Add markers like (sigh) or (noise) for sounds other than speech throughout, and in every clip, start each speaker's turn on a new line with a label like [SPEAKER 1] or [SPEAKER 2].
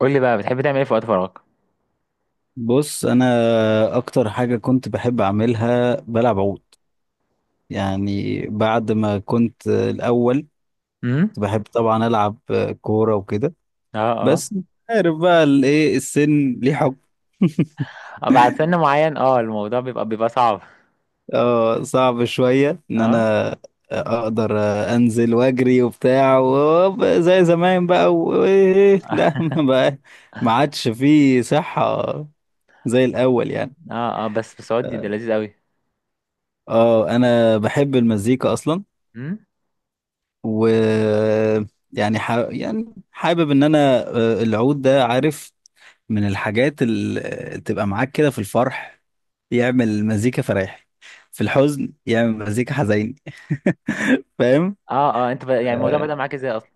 [SPEAKER 1] قول لي بقى بتحب تعمل ايه في وقت فراغك.
[SPEAKER 2] بص، انا اكتر حاجه كنت بحب اعملها بلعب عود. يعني بعد ما كنت الاول، كنت
[SPEAKER 1] امم
[SPEAKER 2] بحب طبعا العب كوره وكده.
[SPEAKER 1] اه اه
[SPEAKER 2] بس عارف بقى الايه، السن ليه حكم.
[SPEAKER 1] آه، بعد سن معين اه الموضوع بيبقى صعب.
[SPEAKER 2] اه، صعب شويه ان
[SPEAKER 1] اه
[SPEAKER 2] انا اقدر انزل واجري وبتاع زي زمان بقى وايه، لا (laughs) ما
[SPEAKER 1] (laughs)
[SPEAKER 2] بقى، ما عادش فيه صحه زي الاول يعني.
[SPEAKER 1] اه اه بس ودي ده لذيذ قوي.
[SPEAKER 2] اه انا بحب المزيكا اصلا.
[SPEAKER 1] امم
[SPEAKER 2] و يعني حابب ان انا، العود ده عارف، من الحاجات اللي تبقى معاك كده في الفرح يعمل مزيكا فرايح، في الحزن يعمل مزيكا حزين، فاهم.
[SPEAKER 1] اه اه انت يعني الموضوع
[SPEAKER 2] آه،
[SPEAKER 1] بدأ معاك ازاي اصلا؟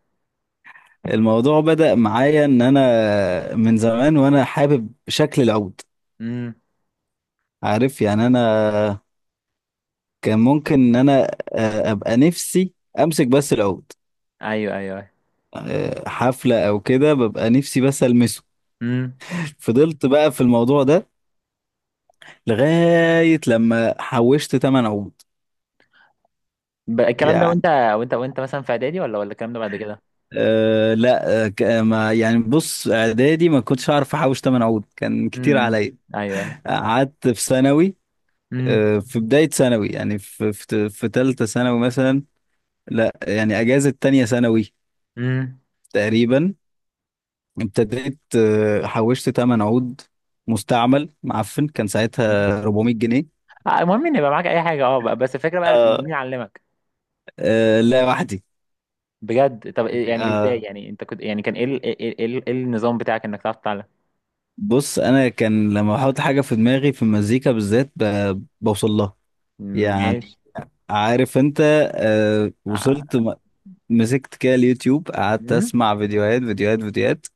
[SPEAKER 2] الموضوع بدأ معايا ان انا من زمان وانا حابب شكل العود.
[SPEAKER 1] امم
[SPEAKER 2] عارف يعني انا كان ممكن ان انا ابقى نفسي امسك بس العود.
[SPEAKER 1] ايوه ايوه أيوة.
[SPEAKER 2] حفلة او كده ببقى نفسي بس المسه.
[SPEAKER 1] امم
[SPEAKER 2] (laughs) فضلت بقى في الموضوع ده لغاية لما حوشت تمن عود
[SPEAKER 1] الكلام ده
[SPEAKER 2] يعني.
[SPEAKER 1] وانت وانت مثلا في اعدادي ولا الكلام ده بعد كده؟
[SPEAKER 2] آه لا آه ك- آه، ما يعني بص اعدادي ما كنتش اعرف احوش تمن عود، كان كتير
[SPEAKER 1] امم
[SPEAKER 2] عليا.
[SPEAKER 1] ايوه ايوه.
[SPEAKER 2] قعدت في ثانوي،
[SPEAKER 1] امم
[SPEAKER 2] آه في بداية ثانوي يعني في ثالثة ثانوي مثلا، لا يعني اجازة تانية ثانوي
[SPEAKER 1] امم
[SPEAKER 2] تقريبا ابتديت. حوشت تمن عود مستعمل معفن، كان
[SPEAKER 1] أمم.
[SPEAKER 2] ساعتها 400 جنيه.
[SPEAKER 1] آه، المهم ان يبقى معاك اي حاجه، اه بس الفكره بقى، مين
[SPEAKER 2] آه.
[SPEAKER 1] علمك؟
[SPEAKER 2] لا وحدي.
[SPEAKER 1] بجد؟ طب يعني ازاي؟
[SPEAKER 2] آه،
[SPEAKER 1] يعني انت كنت يعني كان ايه ايه إيه النظام بتاعك انك تعرف تتعلم؟
[SPEAKER 2] بص انا كان لما احط حاجه في دماغي في المزيكا بالذات بوصل لها يعني،
[SPEAKER 1] ماشي.
[SPEAKER 2] عارف انت. آه
[SPEAKER 1] ع-
[SPEAKER 2] وصلت م- مسكت كده اليوتيوب قعدت
[SPEAKER 1] مم؟
[SPEAKER 2] اسمع فيديوهات فيديوهات فيديوهات،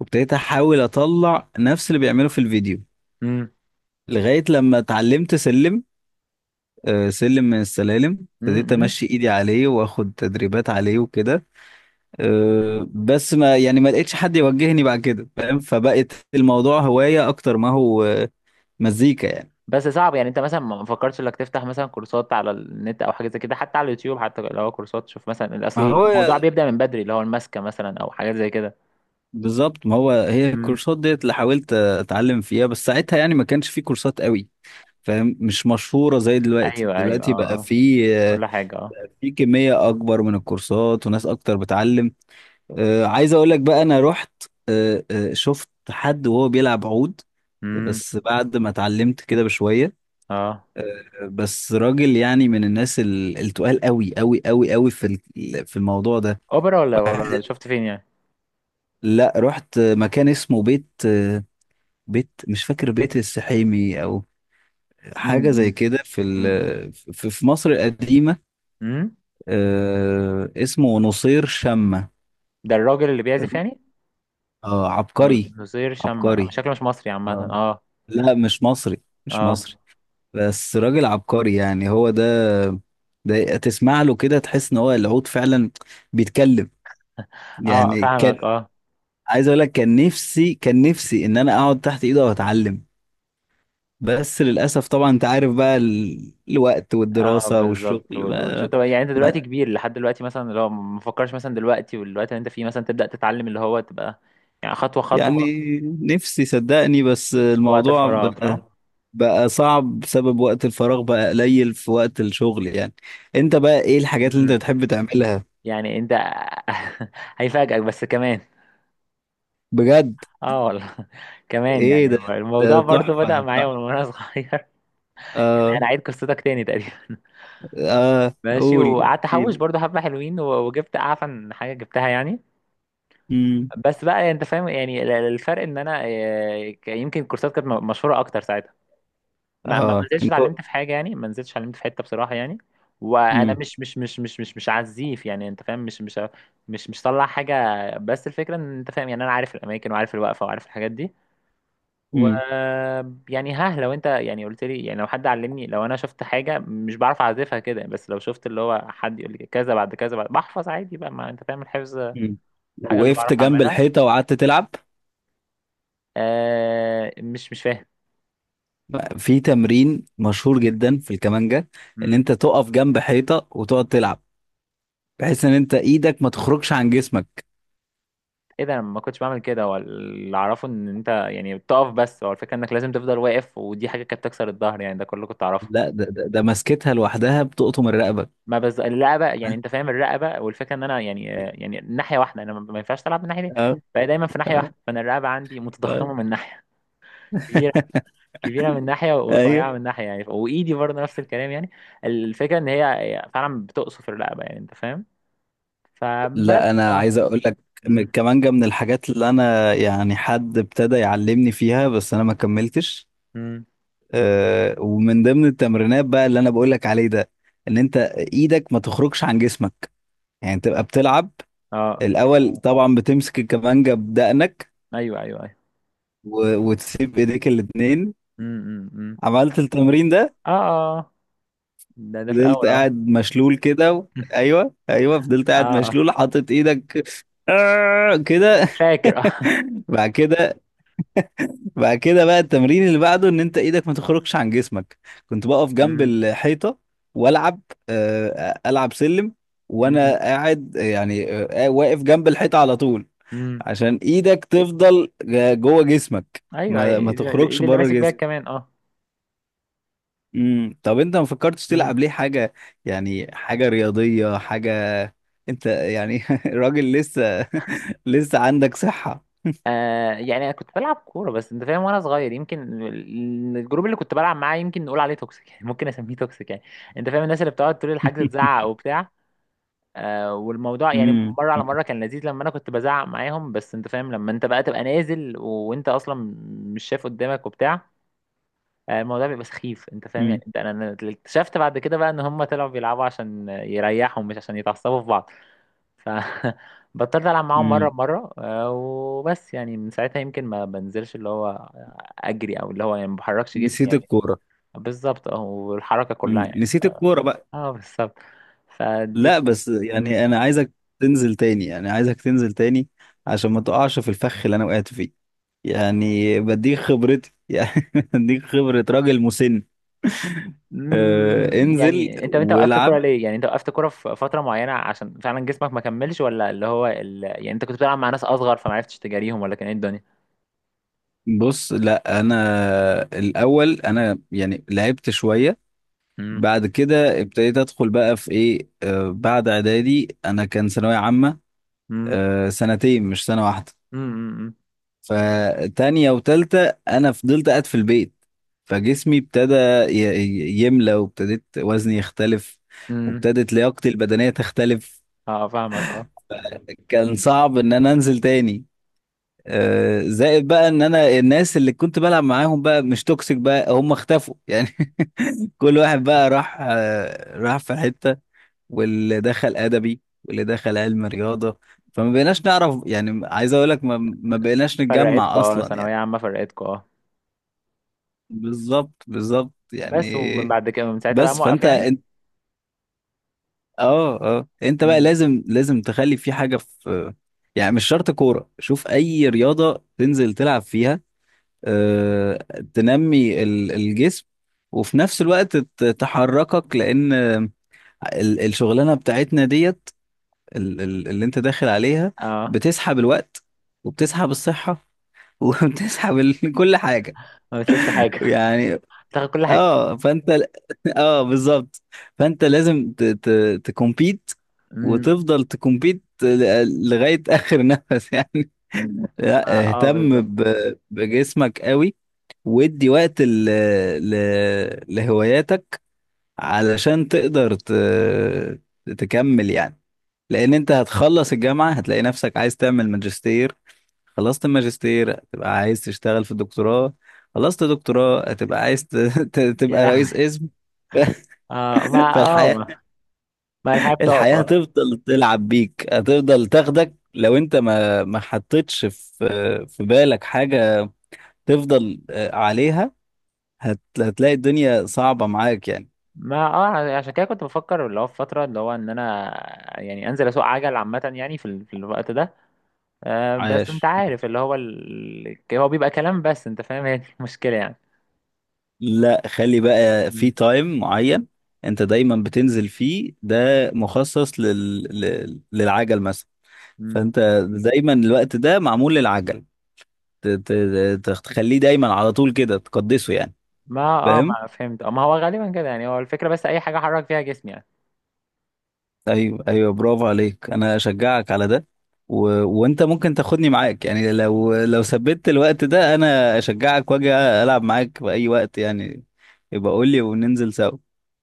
[SPEAKER 2] وابتديت احاول اطلع نفس اللي بيعمله في الفيديو،
[SPEAKER 1] مم؟
[SPEAKER 2] لغايه لما اتعلمت سلم. آه سلم من السلالم،
[SPEAKER 1] مم؟
[SPEAKER 2] ابتديت
[SPEAKER 1] مم؟
[SPEAKER 2] امشي ايدي عليه واخد تدريبات عليه وكده. آه بس ما لقيتش حد يوجهني بعد كده، فاهم. فبقت الموضوع هوايه اكتر ما هو مزيكا يعني.
[SPEAKER 1] بس صعب يعني. انت مثلا ما فكرتش انك تفتح مثلا كورسات على النت او حاجه زي كده، حتى على اليوتيوب، حتى لو هو كورسات. شوف مثلا
[SPEAKER 2] ما
[SPEAKER 1] الاصل، الموضوع
[SPEAKER 2] هو
[SPEAKER 1] بيبدا من بدري، اللي هو الماسكه مثلا او حاجات زي كده.
[SPEAKER 2] بالظبط، ما هو هي
[SPEAKER 1] مم.
[SPEAKER 2] الكورسات ديت اللي حاولت اتعلم فيها، بس ساعتها يعني ما كانش في كورسات قوي، فاهم. مش مشهورة زي دلوقتي.
[SPEAKER 1] ايوه ايوه
[SPEAKER 2] دلوقتي
[SPEAKER 1] اه
[SPEAKER 2] بقى
[SPEAKER 1] اه،
[SPEAKER 2] في
[SPEAKER 1] كل حاجه اه.
[SPEAKER 2] في كمية اكبر من الكورسات وناس اكتر بتعلم. عايز اقول لك بقى، انا رحت شفت حد وهو بيلعب عود،
[SPEAKER 1] امم.
[SPEAKER 2] بس بعد ما اتعلمت كده بشوية.
[SPEAKER 1] اه
[SPEAKER 2] بس راجل يعني من الناس التقال قوي قوي قوي قوي في في الموضوع ده.
[SPEAKER 1] اوبرا ولا
[SPEAKER 2] واحد-
[SPEAKER 1] شفت فين يعني؟
[SPEAKER 2] لا، رحت مكان اسمه بيت، بيت مش فاكر، بيت
[SPEAKER 1] بيت.
[SPEAKER 2] السحيمي او حاجه زي
[SPEAKER 1] امم.
[SPEAKER 2] كده في في مصر القديمه.
[SPEAKER 1] امم.
[SPEAKER 2] آه اسمه نصير شمة،
[SPEAKER 1] ده الراجل اللي بيعزف يعني؟
[SPEAKER 2] آه عبقري.
[SPEAKER 1] نظير شمع، آه،
[SPEAKER 2] عبقري
[SPEAKER 1] شكله مش مصري عامه
[SPEAKER 2] آه.
[SPEAKER 1] اه.
[SPEAKER 2] لا مش مصري، مش
[SPEAKER 1] اه
[SPEAKER 2] مصري، بس راجل عبقري يعني. هو ده، ده تسمع له كده تحس ان هو العود فعلا بيتكلم
[SPEAKER 1] اه،
[SPEAKER 2] يعني.
[SPEAKER 1] فاهمك
[SPEAKER 2] كان
[SPEAKER 1] اه.
[SPEAKER 2] عايز اقول لك، كان نفسي كان نفسي ان انا اقعد تحت ايده واتعلم، بس للأسف طبعا أنت عارف بقى الوقت
[SPEAKER 1] اه
[SPEAKER 2] والدراسة والشغل
[SPEAKER 1] بالظبط.
[SPEAKER 2] بقى.
[SPEAKER 1] طب يعني انت دلوقتي
[SPEAKER 2] ما
[SPEAKER 1] كبير لحد دلوقتي، مثلا لو ما فكرش مثلا دلوقتي والوقت اللي انت فيه مثلا، تبدأ تتعلم، اللي هو تبقى يعني خطوة خطوة.
[SPEAKER 2] يعني نفسي صدقني، بس
[SPEAKER 1] وقت
[SPEAKER 2] الموضوع
[SPEAKER 1] الفراغ
[SPEAKER 2] بقى
[SPEAKER 1] صح؟
[SPEAKER 2] بقى صعب بسبب وقت الفراغ بقى قليل في وقت الشغل يعني. أنت بقى إيه الحاجات اللي أنت
[SPEAKER 1] مم.
[SPEAKER 2] بتحب تعملها؟
[SPEAKER 1] يعني انت (laughs) هيفاجئك بس كمان.
[SPEAKER 2] بجد؟
[SPEAKER 1] اه والله (laughs) كمان،
[SPEAKER 2] إيه
[SPEAKER 1] يعني
[SPEAKER 2] ده،
[SPEAKER 1] هو الموضوع
[SPEAKER 2] ده
[SPEAKER 1] برضو بدأ
[SPEAKER 2] تحفة
[SPEAKER 1] معايا من
[SPEAKER 2] تحفة.
[SPEAKER 1] وانا صغير. (laughs) انا
[SPEAKER 2] آه.
[SPEAKER 1] عيد قصتك تاني تقريبا. (laughs)
[SPEAKER 2] آه
[SPEAKER 1] ماشي،
[SPEAKER 2] قول
[SPEAKER 1] وقعدت احوش
[SPEAKER 2] احكيلي.
[SPEAKER 1] برضو حبة حلوين، وجبت اعفن حاجة جبتها يعني.
[SPEAKER 2] امم.
[SPEAKER 1] بس بقى انت فاهم يعني الفرق ان انا آه، يمكن الكورسات كانت مشهورة اكتر ساعتها. ما ما
[SPEAKER 2] آه
[SPEAKER 1] ما نزلتش
[SPEAKER 2] كنت.
[SPEAKER 1] اتعلمت في حاجه يعني، ما نزلتش اتعلمت في حته بصراحه يعني. وانا
[SPEAKER 2] امم.
[SPEAKER 1] مش عزيف، يعني انت فاهم، مش طلع حاجه. بس الفكره ان انت فاهم يعني، انا عارف الاماكن وعارف الوقفه وعارف الحاجات دي. و
[SPEAKER 2] امم
[SPEAKER 1] يعني، ها لو انت يعني قلت لي، يعني لو حد علمني، لو انا شفت حاجه مش بعرف اعزفها كده، بس لو شفت اللي هو حد يقول لي كذا بعد كذا، بعد بحفظ عادي بقى، ما انت فاهم الحفظ
[SPEAKER 2] امم
[SPEAKER 1] حاجه اللي
[SPEAKER 2] وقفت
[SPEAKER 1] بعرف
[SPEAKER 2] جنب
[SPEAKER 1] اعملها.
[SPEAKER 2] الحيطة وقعدت تلعب؟
[SPEAKER 1] آه مش فاهم.
[SPEAKER 2] في تمرين مشهور جدا في الكمانجا، ان
[SPEAKER 1] مم.
[SPEAKER 2] انت تقف جنب حيطه وتقعد تلعب، بحيث ان انت ايدك ما تخرجش عن جسمك.
[SPEAKER 1] ايه ده؟ انا ما كنتش بعمل كده، هو اللي اعرفه ان انت يعني بتقف، بس هو الفكره انك لازم تفضل واقف، ودي حاجه كانت تكسر الظهر يعني، ده كله كنت اعرفه.
[SPEAKER 2] لا ده مسكتها لوحدها بتقطم الرقبه.
[SPEAKER 1] ما بز الرقبه يعني انت
[SPEAKER 2] (laughs)
[SPEAKER 1] فاهم، الرقبه، والفكره ان انا يعني يعني ناحيه واحده، انا ما ما ينفعش العب من ناحيتين.
[SPEAKER 2] اه
[SPEAKER 1] فهي دايما في ناحيه
[SPEAKER 2] اه
[SPEAKER 1] واحده، فانا الرقبه عندي
[SPEAKER 2] اه.
[SPEAKER 1] متضخمه من ناحيه، كبيره. كبيره من ناحيه
[SPEAKER 2] ايوه.
[SPEAKER 1] ورفيعه من ناحيه يعني، وايدي برضه نفس الكلام يعني. الفكره ان هي فعلا بتقصف الرقبه، يعني انت فاهم. فبس
[SPEAKER 2] لا انا
[SPEAKER 1] اه.
[SPEAKER 2] عايز اقول لك، من
[SPEAKER 1] امم
[SPEAKER 2] الكمانجا من الحاجات اللي انا يعني حد ابتدى يعلمني فيها بس انا ما كملتش.
[SPEAKER 1] امم
[SPEAKER 2] أه، ومن ضمن التمرينات بقى اللي انا بقول لك عليه ده، ان انت ايدك ما تخرجش عن جسمك، يعني تبقى بتلعب.
[SPEAKER 1] اه.
[SPEAKER 2] الاول طبعا بتمسك الكمانجا بدقنك،
[SPEAKER 1] ايوه ايوه ايوه.
[SPEAKER 2] وتسيب ايديك الاتنين.
[SPEAKER 1] أمم.
[SPEAKER 2] عملت التمرين ده،
[SPEAKER 1] اه اه آه. ده ده في
[SPEAKER 2] فضلت
[SPEAKER 1] الاول اه.
[SPEAKER 2] قاعد مشلول كده و
[SPEAKER 1] (laughs)
[SPEAKER 2] ايوه ايوه، فضلت
[SPEAKER 1] اه
[SPEAKER 2] قاعد
[SPEAKER 1] آه.
[SPEAKER 2] مشلول حاطط ايدك، كده.
[SPEAKER 1] فاكر اه.
[SPEAKER 2] (laughs) بعد كده، بعد كده بقى التمرين اللي بعده ان انت ايدك ما تخرجش عن جسمك، كنت بقف جنب
[SPEAKER 1] مم.
[SPEAKER 2] الحيطة والعب، العب سلم وانا
[SPEAKER 1] مم.
[SPEAKER 2] قاعد يعني، واقف جنب الحيطة على طول،
[SPEAKER 1] مم.
[SPEAKER 2] عشان ايدك تفضل جوه جسمك،
[SPEAKER 1] ايوه،
[SPEAKER 2] ما
[SPEAKER 1] ايد
[SPEAKER 2] تخرجش
[SPEAKER 1] اللي
[SPEAKER 2] بره
[SPEAKER 1] ماسك بيها
[SPEAKER 2] جسمك.
[SPEAKER 1] كمان اه.
[SPEAKER 2] امم، طب انت ما فكرتش
[SPEAKER 1] مم.
[SPEAKER 2] تلعب ليه حاجه، يعني حاجه رياضيه حاجه؟ انت يعني (laughs) راجل لسه (laughs) لسه عندك صحه.
[SPEAKER 1] آه، يعني انا كنت بلعب كوره، بس انت فاهم وانا صغير يمكن الجروب اللي كنت بلعب معاه يمكن نقول عليه توكسيك يعني، ممكن اسميه توكسيك يعني. انت فاهم الناس اللي بتقعد طول الحجز تزعق
[SPEAKER 2] (laughs)
[SPEAKER 1] وبتاع. آه والموضوع يعني
[SPEAKER 2] امم
[SPEAKER 1] مره على مره كان لذيذ لما انا كنت بزعق معاهم، بس انت فاهم لما انت بقى تبقى نازل وانت اصلا مش شايف قدامك وبتاع، آه، الموضوع بيبقى سخيف انت فاهم. يعني
[SPEAKER 2] امم
[SPEAKER 1] انت انا، أنا اكتشفت بعد كده بقى ان هم طلعوا بيلعبوا عشان يريحوا مش عشان يتعصبوا في بعض. ف (laughs) بطلت العب معاهم مره
[SPEAKER 2] امم،
[SPEAKER 1] بمره آه، وبس يعني من ساعتها يمكن ما بنزلش اللي هو اجري، او اللي هو يعني ما بحركش جسمي
[SPEAKER 2] نسيت
[SPEAKER 1] يعني.
[SPEAKER 2] الكوره.
[SPEAKER 1] بالظبط اه، والحركه كلها يعني.
[SPEAKER 2] نسيت الكوره بقى.
[SPEAKER 1] اه بالظبط. فدي.
[SPEAKER 2] لا بس
[SPEAKER 1] مم.
[SPEAKER 2] يعني انا عايزك تنزل تاني، يعني عايزك تنزل تاني عشان ما تقعش في الفخ اللي انا وقعت فيه، يعني بديك خبرتي (laughs) يعني، بديك خبره راجل مسن.
[SPEAKER 1] مم.
[SPEAKER 2] انزل
[SPEAKER 1] يعني انت انت وقفت كوره
[SPEAKER 2] والعب.
[SPEAKER 1] ليه؟ يعني انت وقفت كوره في فتره معينه عشان فعلا جسمك ما كملش، ولا اللي هو يعني انت كنت بتلعب مع ناس اصغر فما عرفتش تجاريهم، ولا كان ايه
[SPEAKER 2] بص لا، انا الاول انا يعني لعبت شويه،
[SPEAKER 1] الدنيا؟
[SPEAKER 2] بعد كده ابتديت ادخل بقى في ايه، آه بعد اعدادي انا كان ثانويه عامه،
[SPEAKER 1] امم.
[SPEAKER 2] آه سنتين مش سنه واحده.
[SPEAKER 1] امم.
[SPEAKER 2] فتانية وتالتة انا فضلت قاعد في البيت، فجسمي ابتدى يملى، وابتديت وزني يختلف،
[SPEAKER 1] امم
[SPEAKER 2] وابتدت لياقتي البدنيه تختلف.
[SPEAKER 1] اه، فاهمك اه.
[SPEAKER 2] كان صعب ان انا انزل تاني، زائد بقى ان انا الناس اللي كنت بلعب معاهم بقى مش توكسيك بقى، هم اختفوا (laughs) يعني. كل واحد بقى راح راح في حتة، واللي دخل أدبي واللي دخل علم رياضة، فما بقيناش نعرف يعني، عايز أقول لك ما بقيناش نتجمع
[SPEAKER 1] فرقتكم اه،
[SPEAKER 2] أصلا
[SPEAKER 1] ثانوية
[SPEAKER 2] يعني.
[SPEAKER 1] عامة فرقتكم اه.
[SPEAKER 2] بالظبط بالظبط
[SPEAKER 1] بس
[SPEAKER 2] يعني.
[SPEAKER 1] ومن بعد كده من ساعتها بقى
[SPEAKER 2] بس
[SPEAKER 1] موقف
[SPEAKER 2] فأنت
[SPEAKER 1] يعني.
[SPEAKER 2] أنت، اه اه أنت بقى
[SPEAKER 1] امم.
[SPEAKER 2] لازم تخلي في حاجة في، يعني مش شرط كورة، شوف أي رياضة تنزل تلعب فيها، آه، تنمي الجسم، وفي نفس الوقت تحركك، لأن الشغلانة بتاعتنا ديت، اللي انت داخل عليها،
[SPEAKER 1] اه،
[SPEAKER 2] بتسحب الوقت وبتسحب الصحة (laughs) وبتسحب كل حاجة
[SPEAKER 1] ما بتسيبش حاجة،
[SPEAKER 2] يعني.
[SPEAKER 1] بتاخد كل حاجة.
[SPEAKER 2] اه فانت ل- (laughs) اه بالظبط، فانت لازم تكمبيت
[SPEAKER 1] امم.
[SPEAKER 2] وتفضل تكمبيت لغاية آخر (laughs) نفس يعني.
[SPEAKER 1] ما
[SPEAKER 2] لا،
[SPEAKER 1] اه
[SPEAKER 2] اهتم
[SPEAKER 1] بالظبط.
[SPEAKER 2] بجسمك قوي، وادي وقت ل... لهواياتك، علشان تقدر تكمل يعني. لان انت هتخلص الجامعه هتلاقي نفسك عايز تعمل ماجستير، خلصت الماجستير هتبقى عايز تشتغل في الدكتوراه، خلصت دكتوراه هتبقى عايز
[SPEAKER 1] يا
[SPEAKER 2] تبقى رئيس
[SPEAKER 1] لهوي.
[SPEAKER 2] اسم.
[SPEAKER 1] اه ما
[SPEAKER 2] (laughs)
[SPEAKER 1] اه
[SPEAKER 2] فالحياه،
[SPEAKER 1] ما، ما الحياة بتقف
[SPEAKER 2] الحياه
[SPEAKER 1] اه.
[SPEAKER 2] هتفضل تلعب بيك، هتفضل تاخدك لو انت ما حطيتش في في بالك حاجه تفضل عليها. هتلاقي الدنيا صعبه معاك يعني.
[SPEAKER 1] ما اه، عشان كده كنت بفكر اللي هو في فترة اللي هو ان انا يعني انزل اسوق عجل عامة يعني في، في الوقت ده. آه بس انت
[SPEAKER 2] عاش.
[SPEAKER 1] عارف اللي هو ال... هو بيبقى كلام، بس انت فاهم هي دي المشكلة يعني.
[SPEAKER 2] لا، خلي بقى في تايم معين انت دايما بتنزل فيه، ده مخصص للعجل مثلا.
[SPEAKER 1] امم.
[SPEAKER 2] فانت دايما الوقت ده معمول للعجل، ت... ت... تخليه دايما على طول كده تقدسه يعني.
[SPEAKER 1] ما اه
[SPEAKER 2] فاهم.
[SPEAKER 1] ما فهمت اه، ما هو غالبا كده يعني، هو الفكرة بس اي حاجة احرك فيها جسمي يعني.
[SPEAKER 2] ايوه ايوه، برافو عليك، انا اشجعك على ده، و... وانت ممكن تاخدني معاك يعني، لو لو ثبت الوقت ده انا اشجعك واجي العب معاك في اي وقت يعني. يبقى قول لي وننزل سوا.